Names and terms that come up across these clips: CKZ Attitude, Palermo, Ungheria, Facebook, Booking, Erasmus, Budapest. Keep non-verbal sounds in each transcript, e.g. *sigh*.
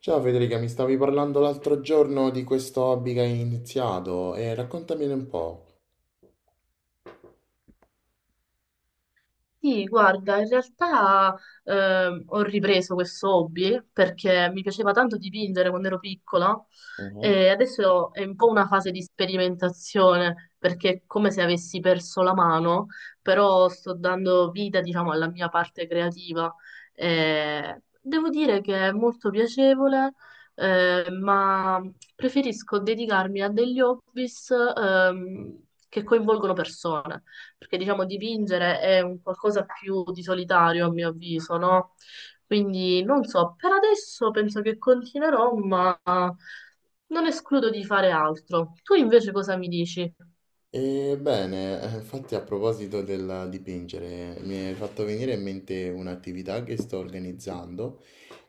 Ciao Federica, mi stavi parlando l'altro giorno di questo hobby che hai iniziato e raccontamene un po'. Sì, guarda, in realtà ho ripreso questo hobby perché mi piaceva tanto dipingere quando ero piccola Mhm. e adesso è un po' una fase di sperimentazione perché è come se avessi perso la mano, però sto dando vita, diciamo, alla mia parte creativa. E devo dire che è molto piacevole, ma preferisco dedicarmi a degli hobbies che coinvolgono persone perché diciamo dipingere è un qualcosa più di solitario a mio avviso, no? Quindi non so, per adesso penso che continuerò, ma non escludo di fare altro. Tu invece cosa mi dici? E bene, infatti a proposito del dipingere, mi è fatto venire in mente un'attività che sto organizzando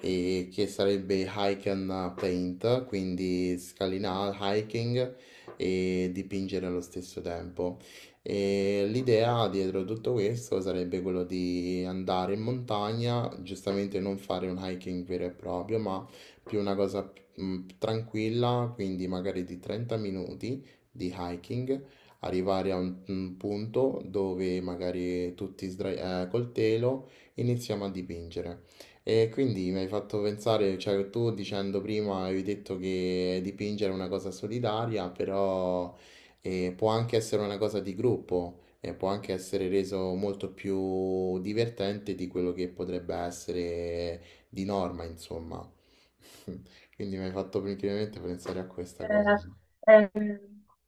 e che sarebbe hike and paint, quindi scalinare, hiking e dipingere allo stesso tempo. E l'idea dietro tutto questo sarebbe quello di andare in montagna, giustamente non fare un hiking vero e proprio, ma più una cosa tranquilla, quindi magari di 30 minuti di hiking arrivare a un punto dove magari tutti col telo iniziamo a dipingere. E quindi mi hai fatto pensare, cioè tu dicendo prima avevi detto che dipingere è una cosa solitaria, però può anche essere una cosa di gruppo e può anche essere reso molto più divertente di quello che potrebbe essere di norma, insomma. *laughs* Quindi mi hai fatto principalmente pensare a questa cosa. Eh, eh,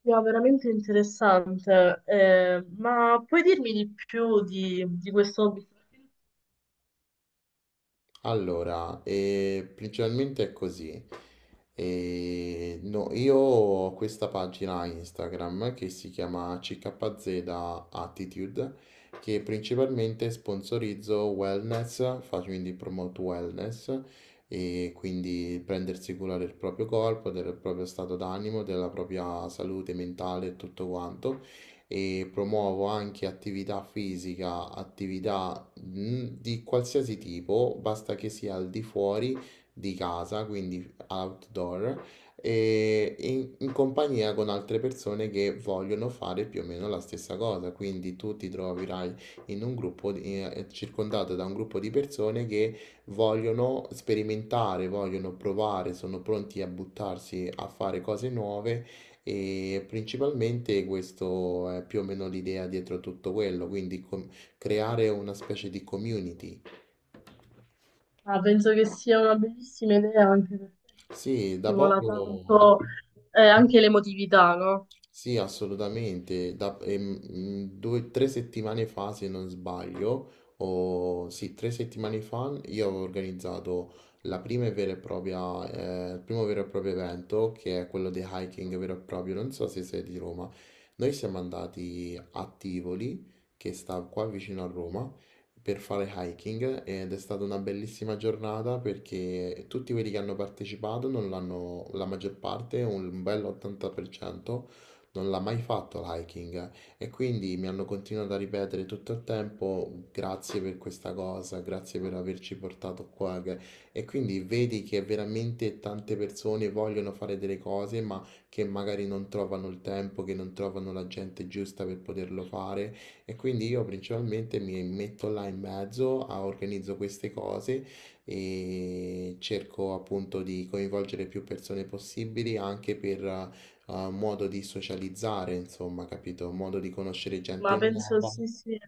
no, veramente interessante, ma puoi dirmi di più di questo hobby? Allora, principalmente è così. No, io ho questa pagina Instagram che si chiama CKZ Attitude, che principalmente sponsorizzo wellness, faccio quindi promote wellness, e quindi prendersi cura del proprio corpo, del proprio stato d'animo, della propria salute mentale e tutto quanto. E promuovo anche attività fisica, attività di qualsiasi tipo, basta che sia al di fuori di casa, quindi outdoor, e in compagnia con altre persone che vogliono fare più o meno la stessa cosa. Quindi tu ti troverai in un gruppo, circondato da un gruppo di persone che vogliono sperimentare, vogliono provare, sono pronti a buttarsi a fare cose nuove. E principalmente questo è più o meno l'idea dietro tutto quello, quindi creare una specie di community. Ah, penso che sia una bellissima idea anche perché Sì, da stimola poco. tanto anche l'emotività, no? Sì, assolutamente. Da, due, tre settimane fa, se non sbaglio, o sì, tre settimane fa, io avevo organizzato la prima e vera e propria, il primo vero e proprio evento, che è quello di hiking vero e proprio. Non so se sei di Roma. Noi siamo andati a Tivoli, che sta qua vicino a Roma, per fare hiking ed è stata una bellissima giornata perché tutti quelli che hanno partecipato, non l'hanno, la maggior parte, un bel 80% non l'ha mai fatto l'hiking e quindi mi hanno continuato a ripetere tutto il tempo grazie per questa cosa, grazie per averci portato e quindi vedi che veramente tante persone vogliono fare delle cose ma che magari non trovano il tempo, che non trovano la gente giusta per poterlo fare e quindi io principalmente mi metto là in mezzo, organizzo queste cose e cerco appunto di coinvolgere più persone possibili anche per ha un modo di socializzare, insomma, capito? Un modo di conoscere Ma gente penso nuova, sì, sì,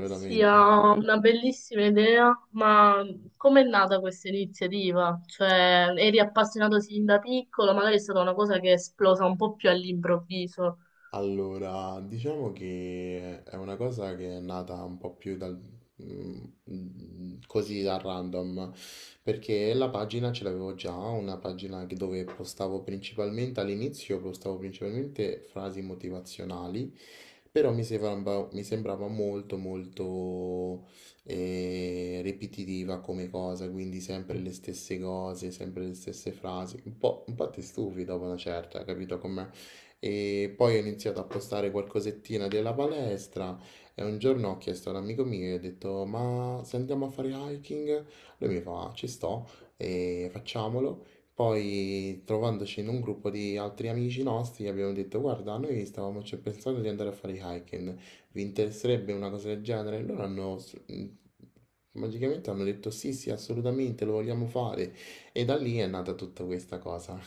sia una bellissima idea, ma com'è nata questa iniziativa? Cioè, eri appassionato sin da piccolo, magari è stata una cosa che è esplosa un po' più all'improvviso. Allora, diciamo che è una cosa che è nata un po' più dal, mm, così da random, perché la pagina ce l'avevo già, una pagina dove postavo principalmente all'inizio, postavo principalmente frasi motivazionali, però mi sembrava molto molto ripetitiva come cosa, quindi sempre le stesse cose, sempre le stesse frasi, un po' ti stufi dopo una certa, capito com'è? E poi ho iniziato a postare qualcosettina della palestra e un giorno ho chiesto ad un amico mio, gli ho detto, ma se andiamo a fare hiking? Lui mi fa, ci sto e facciamolo. Poi trovandoci in un gruppo di altri amici nostri gli abbiamo detto, guarda, noi stavamo cioè, pensando di andare a fare hiking, vi interesserebbe una cosa del genere? E loro hanno... magicamente hanno detto sì, sì, assolutamente, lo vogliamo fare. E da lì è nata tutta questa cosa.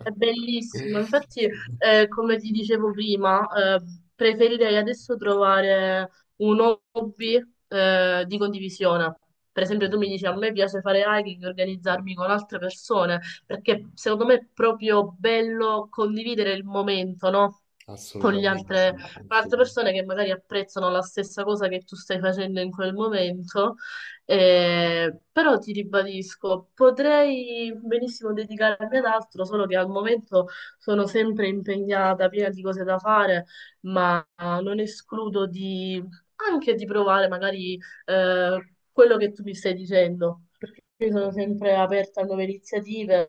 È bellissimo, infatti, *laughs* come ti dicevo prima, eh, preferirei adesso trovare un hobby, di condivisione. Per esempio, tu mi dici a me piace fare hiking e organizzarmi con altre persone, perché secondo me è proprio bello condividere il momento, no? Con gli Assolutamente, altre, con altre assolut- persone che magari apprezzano la stessa cosa che tu stai facendo in quel momento, però ti ribadisco, potrei benissimo dedicarmi ad altro, solo che al momento sono sempre impegnata, piena di cose da fare, ma non escludo di anche di provare magari quello che tu mi stai dicendo. Io sono sempre aperta a nuove iniziative,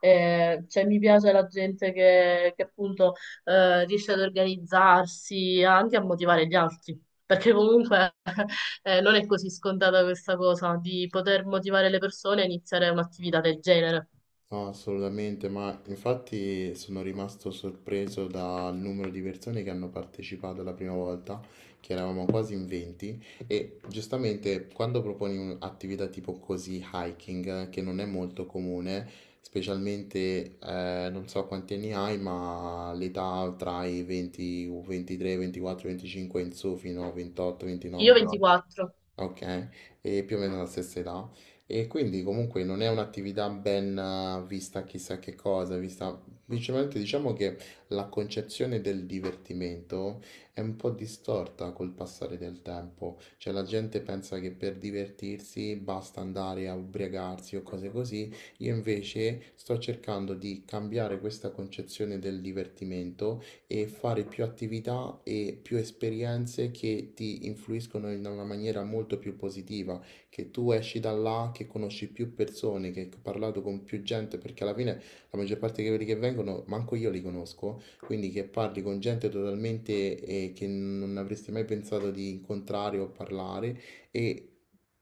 cioè mi piace la gente che appunto riesce ad organizzarsi, anche a motivare gli altri, perché comunque *laughs* non è così scontata questa cosa di poter motivare le persone a iniziare un'attività del genere. no, assolutamente, ma infatti sono rimasto sorpreso dal numero di persone che hanno partecipato la prima volta, che eravamo quasi in 20, e giustamente quando proponi un'attività tipo così, hiking, che non è molto comune, specialmente non so quanti anni hai, ma l'età tra i 20, 23, 24, 25 in su fino a 28, Io 29, No. 24, ok, e più o meno la stessa età. E quindi comunque non è un'attività ben vista chissà che cosa, vista principalmente diciamo che la concezione del divertimento è un po' distorta col passare del tempo, cioè la gente pensa che per divertirsi basta andare a ubriacarsi o cose così, io invece sto cercando di cambiare questa concezione del divertimento e fare più attività e più esperienze che ti influiscono in una maniera molto più positiva che tu esci da là, che conosci più persone, che hai parlato con più gente, perché alla fine la maggior parte di quelli che vengono, manco io li conosco, quindi che parli con gente totalmente che non avresti mai pensato di incontrare o parlare e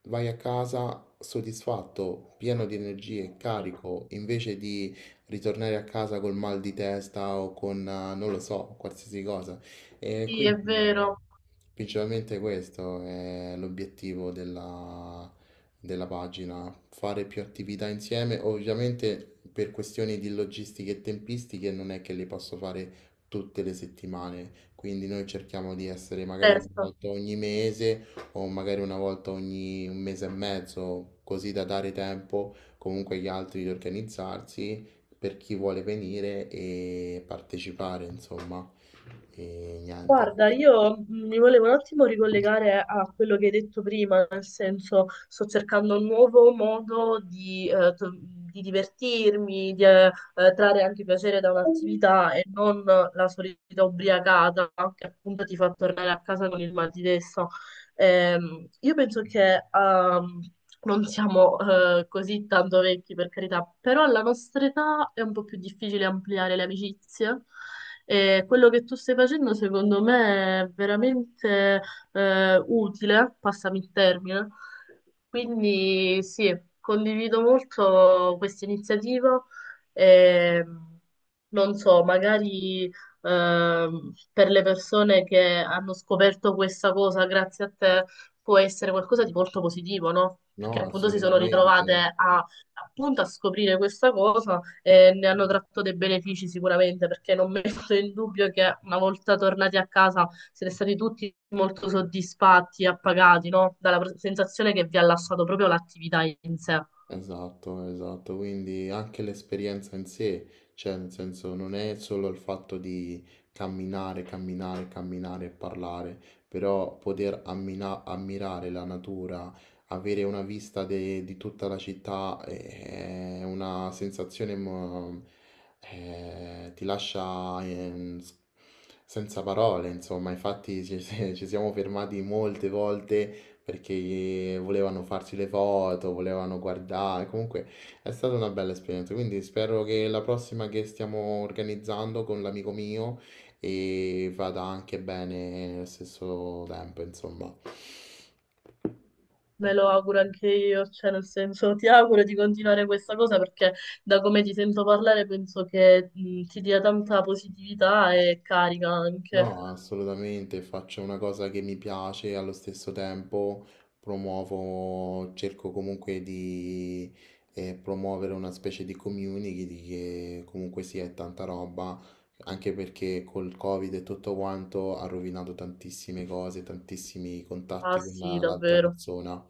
vai a casa soddisfatto, pieno di energie, carico, invece di ritornare a casa col mal di testa o con, non lo so, qualsiasi cosa. E sì, è quindi vero, principalmente questo è l'obiettivo della pagina, fare più attività insieme. Ovviamente per questioni di logistiche e tempistiche non è che le posso fare tutte le settimane, quindi noi cerchiamo di essere magari una terzo. volta ogni mese o magari una volta ogni un mese e mezzo, così da dare tempo comunque agli altri di organizzarsi per chi vuole venire e partecipare, insomma. E niente, Guarda, io mi volevo un attimo ricollegare a quello che hai detto prima, nel senso sto cercando un nuovo modo di, di divertirmi, di trarre anche piacere da un'attività e non la solita ubriacata che appunto ti fa tornare a casa con il mal di testa. Io penso che non siamo così tanto vecchi, per carità, però alla nostra età è un po' più difficile ampliare le amicizie. E quello che tu stai facendo, secondo me, è veramente utile, passami il termine. Quindi sì, condivido molto questa iniziativa. E, non so, magari per le persone che hanno scoperto questa cosa grazie a te può essere qualcosa di molto positivo, no? Perché no, appunto si sono assolutamente, ritrovate a, appunto a scoprire questa cosa e ne hanno tratto dei benefici sicuramente, perché non metto in dubbio che una volta tornati a casa siete stati tutti molto soddisfatti e appagati, no? Dalla sensazione che vi ha lasciato proprio l'attività in sé. esatto, esatto, quindi anche l'esperienza in sé, cioè nel senso non è solo il fatto di camminare, camminare, camminare e parlare, però poter ammirare la natura, avere una vista di tutta la città è una sensazione, ti lascia senza parole, insomma, infatti ci *laughs* ci siamo fermati molte volte perché volevano farsi le foto, volevano guardare, comunque è stata una bella esperienza, quindi spero che la prossima che stiamo organizzando con l'amico mio e vada anche bene allo stesso tempo, insomma. Me lo auguro anche io, cioè nel senso ti auguro di continuare questa cosa perché da come ti sento parlare penso che ti dia tanta positività e carica anche. No, assolutamente, faccio una cosa che mi piace e allo stesso tempo promuovo, cerco comunque di promuovere una specie di community di che comunque sia è tanta roba, anche perché col Covid e tutto quanto ha rovinato tantissime cose, tantissimi Ah contatti con sì, l'altra davvero. persona.